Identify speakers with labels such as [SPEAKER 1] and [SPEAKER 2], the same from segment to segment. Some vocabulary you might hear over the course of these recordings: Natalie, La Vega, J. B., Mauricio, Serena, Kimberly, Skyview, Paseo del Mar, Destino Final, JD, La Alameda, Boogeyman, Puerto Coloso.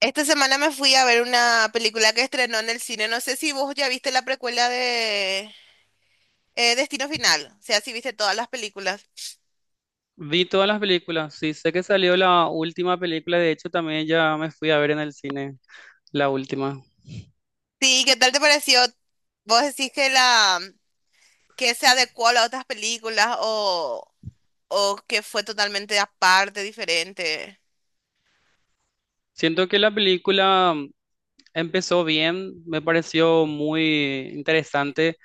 [SPEAKER 1] Esta semana me fui a ver una película que estrenó en el cine. No sé si vos ya viste la precuela de Destino Final. O sea, si viste todas las películas.
[SPEAKER 2] Vi todas las películas, sí, sé que salió la última película, de hecho también ya me fui a ver en el cine la última.
[SPEAKER 1] Sí, ¿qué tal te pareció? ¿Vos decís que la que se adecuó a las otras películas o que fue totalmente aparte, diferente?
[SPEAKER 2] Siento que la película empezó bien, me pareció muy interesante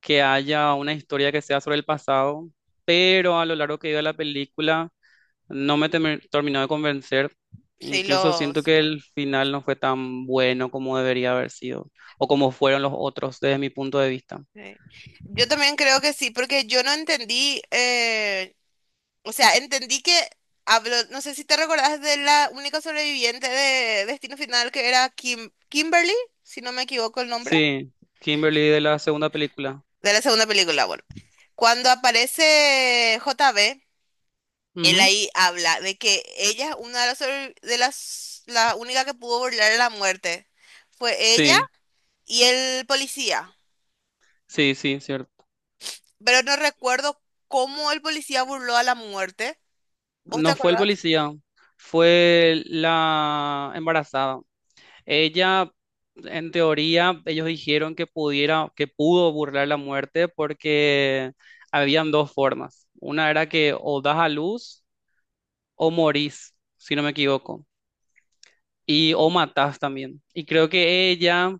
[SPEAKER 2] que haya una historia que sea sobre el pasado, pero a lo largo que iba la película no me terminó de convencer.
[SPEAKER 1] Sí,
[SPEAKER 2] Incluso siento
[SPEAKER 1] los.
[SPEAKER 2] que el final no fue tan bueno como debería haber sido, o como fueron los otros desde mi punto de vista.
[SPEAKER 1] Sí. Yo también creo que sí, porque yo no entendí. O sea, entendí que habló, no sé si te recordás de la única sobreviviente de Destino Final que era Kim, Kimberly, si no me equivoco el nombre,
[SPEAKER 2] Sí, Kimberly de la segunda película.
[SPEAKER 1] de la segunda película, bueno. Cuando aparece J. B. él ahí habla de que ella es una de las, de las la única que pudo burlar la muerte. Fue ella
[SPEAKER 2] Sí,
[SPEAKER 1] y el policía.
[SPEAKER 2] sí, sí, cierto.
[SPEAKER 1] Pero no recuerdo cómo el policía burló a la muerte. ¿Vos te
[SPEAKER 2] No fue el
[SPEAKER 1] acordás?
[SPEAKER 2] policía, fue la embarazada. Ella, en teoría, ellos dijeron que pudo burlar la muerte porque habían dos formas. Una era que o das a luz o morís, si no me equivoco, y o matás también. Y creo que ella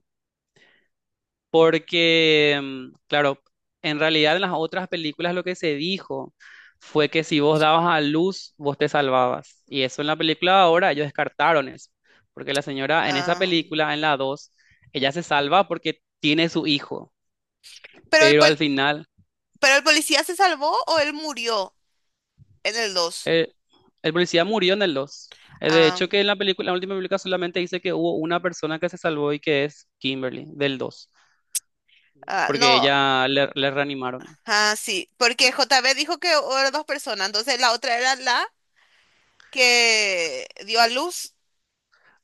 [SPEAKER 2] porque, claro, en realidad en las otras películas lo que se dijo fue
[SPEAKER 1] Ah.
[SPEAKER 2] que si vos dabas a luz, vos te salvabas. Y eso en la película de ahora ellos descartaron eso. Porque la señora en esa
[SPEAKER 1] Ah.
[SPEAKER 2] película, en la 2 ella se salva porque tiene su hijo.
[SPEAKER 1] Pero el,
[SPEAKER 2] Pero
[SPEAKER 1] pol-
[SPEAKER 2] al final,
[SPEAKER 1] ¿Pero el policía se salvó o él murió en el dos?
[SPEAKER 2] eh, el policía murió en el 2. De
[SPEAKER 1] Ah,
[SPEAKER 2] hecho, que en la película, la última película solamente dice que hubo una persona que se salvó y que es Kimberly, del 2,
[SPEAKER 1] ah,
[SPEAKER 2] porque
[SPEAKER 1] no,
[SPEAKER 2] ella le reanimaron.
[SPEAKER 1] ah, sí, porque J JB dijo que eran dos personas, entonces la otra era la que dio a luz.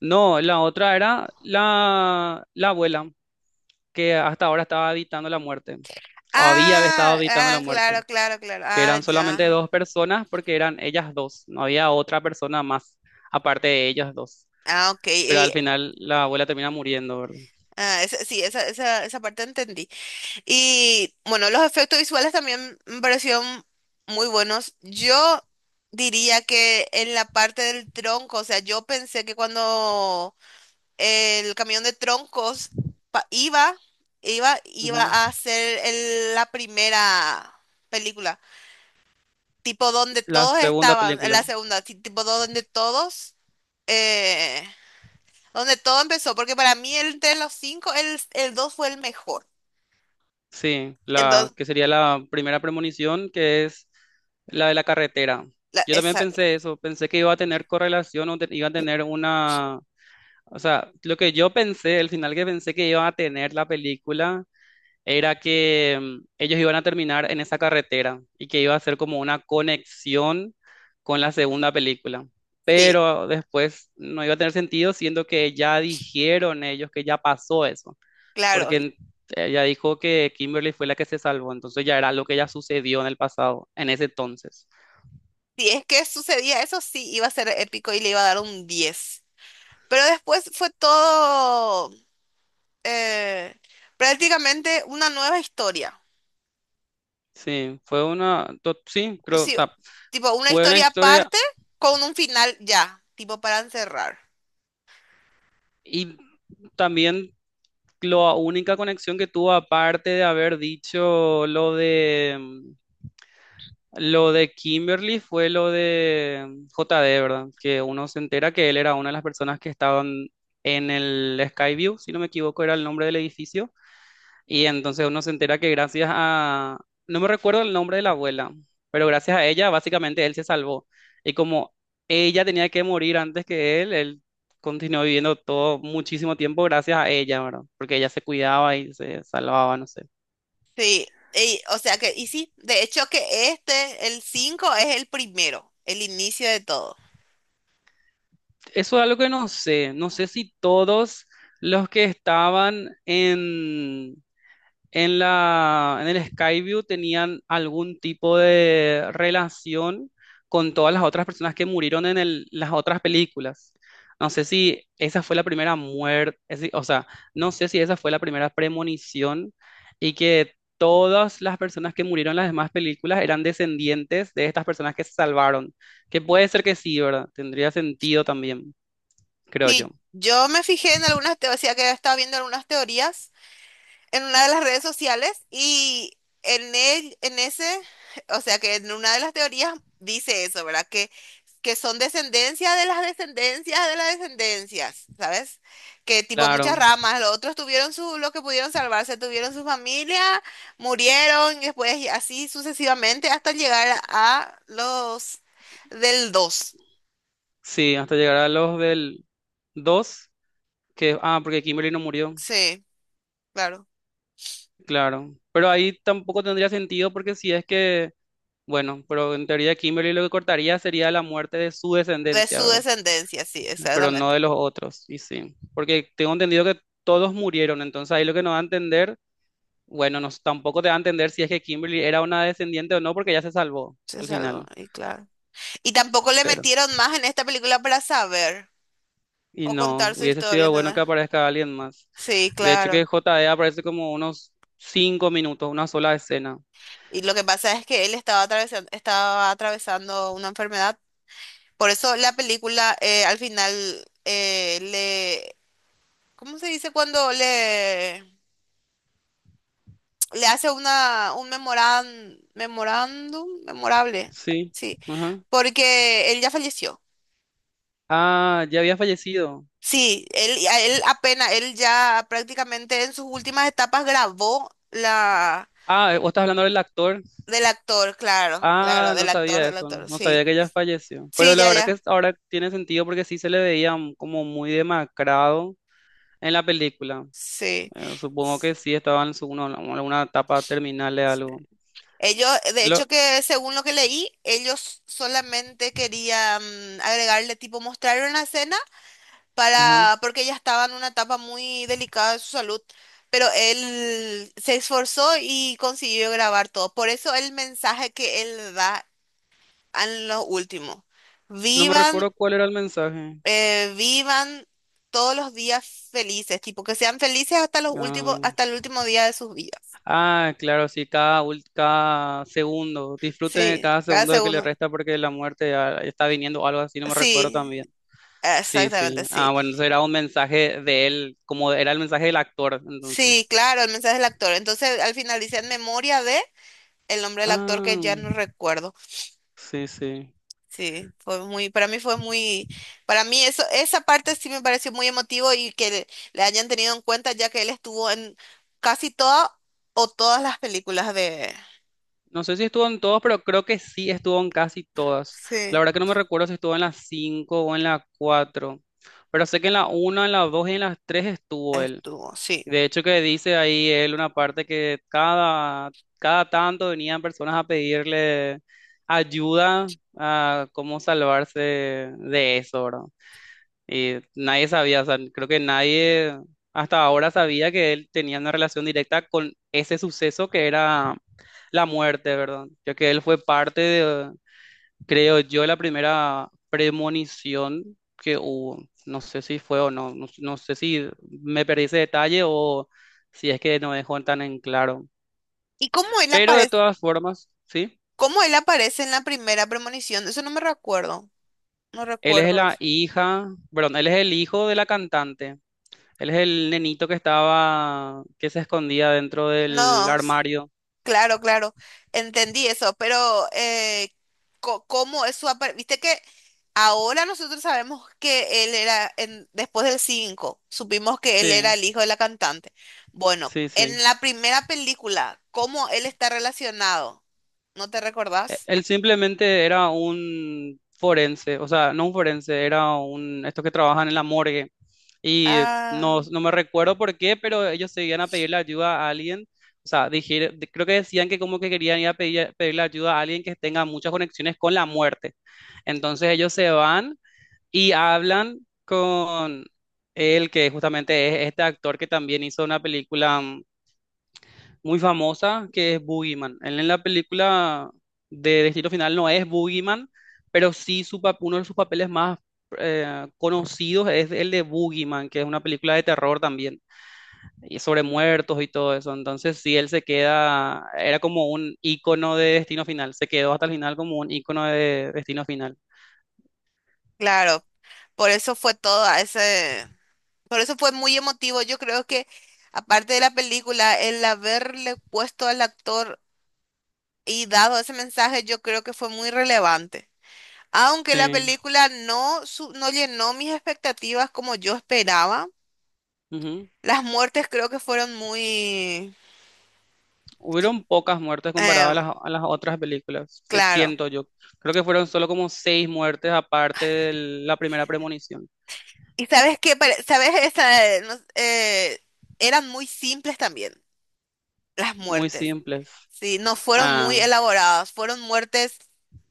[SPEAKER 2] No, la otra era la abuela, que hasta ahora estaba evitando la muerte, o había estado
[SPEAKER 1] Ah,
[SPEAKER 2] evitando la
[SPEAKER 1] ah,
[SPEAKER 2] muerte,
[SPEAKER 1] claro, claro, claro.
[SPEAKER 2] que
[SPEAKER 1] Ah,
[SPEAKER 2] eran solamente
[SPEAKER 1] ya.
[SPEAKER 2] dos personas porque eran ellas dos, no había otra persona más aparte de ellas dos.
[SPEAKER 1] Ah, ok.
[SPEAKER 2] Pero
[SPEAKER 1] Y,
[SPEAKER 2] al final la abuela termina muriendo, ¿verdad?
[SPEAKER 1] ah, sí, esa parte entendí. Y bueno, los efectos visuales también me parecieron muy buenos. Yo diría que en la parte del tronco, o sea, yo pensé que cuando el camión de troncos pa- iba,
[SPEAKER 2] Ujú.
[SPEAKER 1] iba a ser la primera película, tipo donde
[SPEAKER 2] La
[SPEAKER 1] todos
[SPEAKER 2] segunda
[SPEAKER 1] estaban, en la
[SPEAKER 2] película,
[SPEAKER 1] segunda, tipo donde todos, eh, donde todo empezó, porque para mí entre los cinco, el dos fue el mejor.
[SPEAKER 2] sí, la
[SPEAKER 1] Entonces,
[SPEAKER 2] que sería la primera premonición, que es la de la carretera. Yo también
[SPEAKER 1] esa,
[SPEAKER 2] pensé eso, pensé que iba a tener correlación o iba a tener una... O sea, lo que yo pensé, el final que pensé que iba a tener la película era que ellos iban a terminar en esa carretera y que iba a ser como una conexión con la segunda película.
[SPEAKER 1] sí,
[SPEAKER 2] Pero después no iba a tener sentido, siendo que ya dijeron ellos que ya pasó eso,
[SPEAKER 1] claro.
[SPEAKER 2] porque
[SPEAKER 1] Y
[SPEAKER 2] ella dijo que Kimberly fue la que se salvó, entonces ya era lo que ya sucedió en el pasado, en ese entonces.
[SPEAKER 1] si es que sucedía eso, sí, iba a ser épico y le iba a dar un diez. Pero después fue todo eh, prácticamente una nueva historia.
[SPEAKER 2] Sí, fue sí, creo, o
[SPEAKER 1] Sí,
[SPEAKER 2] sea,
[SPEAKER 1] tipo una
[SPEAKER 2] fue una
[SPEAKER 1] historia
[SPEAKER 2] historia
[SPEAKER 1] aparte con un final ya, tipo para encerrar.
[SPEAKER 2] y también la única conexión que tuvo, aparte de haber dicho lo de Kimberly, fue lo de J JD, ¿verdad? Que uno se entera que él era una de las personas que estaban en el Skyview, si no me equivoco, era el nombre del edificio. Y entonces uno se entera que gracias a, no me recuerdo el nombre de la abuela, pero gracias a ella básicamente él se salvó. Y como ella tenía que morir antes que él continuó viviendo todo muchísimo tiempo gracias a ella, ¿verdad? Porque ella se cuidaba y se salvaba, no sé.
[SPEAKER 1] Sí, y o sea que, y sí, de hecho que este, el 5 es el primero, el inicio de todo.
[SPEAKER 2] Eso es algo que no sé, no sé si todos los que estaban en en el Skyview tenían algún tipo de relación con todas las otras personas que murieron en las otras películas. No sé si esa fue la primera muerte, o sea, no sé si esa fue la primera premonición y que todas las personas que murieron en las demás películas eran descendientes de estas personas que se salvaron. Que puede ser que sí, ¿verdad? Tendría sentido también, creo yo.
[SPEAKER 1] Sí, yo me fijé en algunas teorías, o sea que estaba viendo algunas teorías en una de las redes sociales y en en ese, o sea que en una de las teorías dice eso, ¿verdad? Que son descendencia de las descendencias, ¿sabes? Que tipo muchas
[SPEAKER 2] Claro,
[SPEAKER 1] ramas, los otros tuvieron su, lo que pudieron salvarse, tuvieron su familia, murieron y después y así sucesivamente hasta llegar a los del dos.
[SPEAKER 2] sí, hasta llegar a los del dos. Que, ah, porque Kimberly no murió,
[SPEAKER 1] Sí, claro.
[SPEAKER 2] claro. Pero ahí tampoco tendría sentido porque si es que, bueno, pero en teoría Kimberly lo que cortaría sería la muerte de su
[SPEAKER 1] De
[SPEAKER 2] descendencia,
[SPEAKER 1] su
[SPEAKER 2] ¿verdad?
[SPEAKER 1] descendencia, sí,
[SPEAKER 2] Pero no
[SPEAKER 1] exactamente.
[SPEAKER 2] de los otros, y sí. Porque tengo entendido que todos murieron, entonces ahí lo que nos va a entender, bueno, nos, tampoco te va a entender si es que Kimberly era una descendiente o no porque ya se salvó
[SPEAKER 1] Se
[SPEAKER 2] al
[SPEAKER 1] salvó,
[SPEAKER 2] final.
[SPEAKER 1] y claro. Y tampoco le
[SPEAKER 2] Pero,
[SPEAKER 1] metieron más en esta película para saber
[SPEAKER 2] y
[SPEAKER 1] o
[SPEAKER 2] no,
[SPEAKER 1] contar su
[SPEAKER 2] hubiese
[SPEAKER 1] historia,
[SPEAKER 2] sido bueno que
[SPEAKER 1] ¿entendés?
[SPEAKER 2] aparezca alguien más.
[SPEAKER 1] Sí,
[SPEAKER 2] De hecho que
[SPEAKER 1] claro.
[SPEAKER 2] JD aparece como unos cinco minutos, una sola escena.
[SPEAKER 1] Y lo que pasa es que él estaba atravesando una enfermedad. Por eso la película al final le... ¿Cómo se dice cuando le hace una, un memorándum? Memorable.
[SPEAKER 2] Sí.
[SPEAKER 1] Sí.
[SPEAKER 2] Ajá.
[SPEAKER 1] Porque él ya falleció.
[SPEAKER 2] Ah, ya había fallecido.
[SPEAKER 1] Sí, él, a él apenas, él ya prácticamente en sus últimas etapas grabó.
[SPEAKER 2] Ah, vos estás hablando del actor.
[SPEAKER 1] Del actor, claro,
[SPEAKER 2] Ah,
[SPEAKER 1] claro,
[SPEAKER 2] no sabía
[SPEAKER 1] del
[SPEAKER 2] eso,
[SPEAKER 1] actor,
[SPEAKER 2] no sabía
[SPEAKER 1] sí.
[SPEAKER 2] que ya falleció. Pero
[SPEAKER 1] Sí,
[SPEAKER 2] la
[SPEAKER 1] ya,
[SPEAKER 2] verdad que
[SPEAKER 1] ya,
[SPEAKER 2] ahora tiene sentido porque sí se le veía como muy demacrado en la película.
[SPEAKER 1] sí.
[SPEAKER 2] Supongo que sí estaba en su, alguna etapa terminal de algo.
[SPEAKER 1] Ellos, de
[SPEAKER 2] Lo,
[SPEAKER 1] hecho que según lo que leí, ellos solamente querían agregarle, tipo, mostrarle una escena
[SPEAKER 2] ajá.
[SPEAKER 1] para, porque ella estaba en una etapa muy delicada de su salud, pero él se esforzó y consiguió grabar todo. Por eso el mensaje que él da en lo último,
[SPEAKER 2] No me
[SPEAKER 1] vivan
[SPEAKER 2] recuerdo cuál era el mensaje.
[SPEAKER 1] vivan todos los días felices, tipo que sean felices hasta los últimos,
[SPEAKER 2] Ah,
[SPEAKER 1] hasta el último día de sus vidas.
[SPEAKER 2] ah, claro, sí, cada segundo. Disfruten de
[SPEAKER 1] Sí,
[SPEAKER 2] cada
[SPEAKER 1] cada
[SPEAKER 2] segundo de que le
[SPEAKER 1] segundo.
[SPEAKER 2] resta porque la muerte ya está viniendo o algo así, no me recuerdo
[SPEAKER 1] Sí,
[SPEAKER 2] también. Sí, sí.
[SPEAKER 1] exactamente,
[SPEAKER 2] Ah,
[SPEAKER 1] sí.
[SPEAKER 2] bueno, eso era un mensaje de él, como era el mensaje del actor,
[SPEAKER 1] Sí,
[SPEAKER 2] entonces.
[SPEAKER 1] claro, el mensaje del actor. Entonces, al final dice en memoria de el nombre del actor que
[SPEAKER 2] Ah,
[SPEAKER 1] ya no recuerdo.
[SPEAKER 2] sí, sí.
[SPEAKER 1] Sí, fue muy, para mí fue muy, para mí eso, esa parte sí me pareció muy emotivo y que le hayan tenido en cuenta ya que él estuvo en casi todas o todas las películas de,
[SPEAKER 2] No sé si estuvo en todos, pero creo que sí estuvo en casi todas. La
[SPEAKER 1] sí,
[SPEAKER 2] verdad que no me recuerdo si estuvo en las 5 o en las 4, pero sé que en la una, en las 2 y en las 3 estuvo él.
[SPEAKER 1] estuvo, sí.
[SPEAKER 2] De hecho que dice ahí él una parte que cada tanto venían personas a pedirle ayuda a cómo salvarse de eso, ¿verdad? Nadie sabía, o sea, creo que nadie hasta ahora sabía que él tenía una relación directa con ese suceso que era la muerte, ¿verdad? Ya que él fue parte de, creo yo, la primera premonición que hubo. No sé si fue o no, no sé si me perdí ese detalle o si es que no dejó tan en claro.
[SPEAKER 1] ¿Y
[SPEAKER 2] Pero de todas formas, sí,
[SPEAKER 1] cómo él aparece en la primera premonición? Eso no me recuerdo. No
[SPEAKER 2] él es
[SPEAKER 1] recuerdo
[SPEAKER 2] la
[SPEAKER 1] eso.
[SPEAKER 2] hija, perdón, él es el hijo de la cantante. Él es el nenito que estaba, que se escondía dentro del
[SPEAKER 1] No, s-
[SPEAKER 2] armario.
[SPEAKER 1] claro, claro. Entendí eso, pero ¿cómo es su aparición? Viste que ahora nosotros sabemos que él era, en- después del 5, supimos que él era
[SPEAKER 2] Sí,
[SPEAKER 1] el hijo de la cantante. Bueno,
[SPEAKER 2] sí,
[SPEAKER 1] en
[SPEAKER 2] sí.
[SPEAKER 1] la primera película, ¿cómo él está relacionado? ¿No te recordás?
[SPEAKER 2] Él simplemente era un forense, o sea, no un forense, era un, estos que trabajan en la morgue. Y
[SPEAKER 1] Ah,
[SPEAKER 2] no, no me recuerdo por qué, pero ellos se iban a pedirle ayuda a alguien. O sea, creo que decían que como que querían ir a pedirle ayuda a alguien que tenga muchas conexiones con la muerte. Entonces ellos se van y hablan con él, que justamente es este actor que también hizo una película muy famosa, que es Boogeyman. Él en la película de Destino Final no es Boogeyman, pero sí uno de sus papeles más conocidos es el de Boogeyman, que es una película de terror también, y sobre muertos y todo eso. Entonces sí, él se queda, era como un ícono de Destino Final, se quedó hasta el final como un ícono de Destino Final.
[SPEAKER 1] claro. Por eso fue todo ese. Por eso fue muy emotivo. Yo creo que, aparte de la película, el haberle puesto al actor y dado ese mensaje, yo creo que fue muy relevante. Aunque la
[SPEAKER 2] Sí.
[SPEAKER 1] película no, no llenó mis expectativas como yo esperaba, las muertes creo que fueron muy,
[SPEAKER 2] Hubieron pocas muertes comparadas a
[SPEAKER 1] em,
[SPEAKER 2] a las otras películas,
[SPEAKER 1] claro.
[SPEAKER 2] siento yo. Creo que fueron solo como seis muertes aparte de la primera premonición.
[SPEAKER 1] Y sabes qué, sabes, esa, eran muy simples también las
[SPEAKER 2] Muy
[SPEAKER 1] muertes.
[SPEAKER 2] simples.
[SPEAKER 1] Sí, no fueron muy
[SPEAKER 2] Ah,
[SPEAKER 1] elaboradas, fueron muertes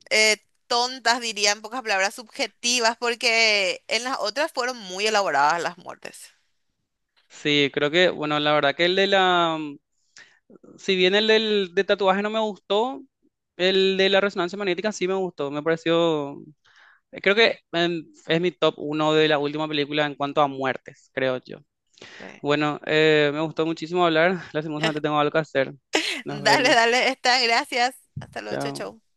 [SPEAKER 1] eh, tontas, diría en pocas palabras, subjetivas, porque en las otras fueron muy elaboradas las muertes.
[SPEAKER 2] sí, creo que, bueno, la verdad que el de si bien el del de tatuaje no me gustó, el de la resonancia magnética sí me gustó. Me pareció, creo que es mi top uno de la última película en cuanto a muertes, creo yo.
[SPEAKER 1] Sí.
[SPEAKER 2] Bueno, me gustó muchísimo hablar. Lastimosamente tengo algo que hacer. Nos
[SPEAKER 1] Dale,
[SPEAKER 2] vemos.
[SPEAKER 1] dale, está, gracias. Hasta luego, chau,
[SPEAKER 2] Chao.
[SPEAKER 1] chau.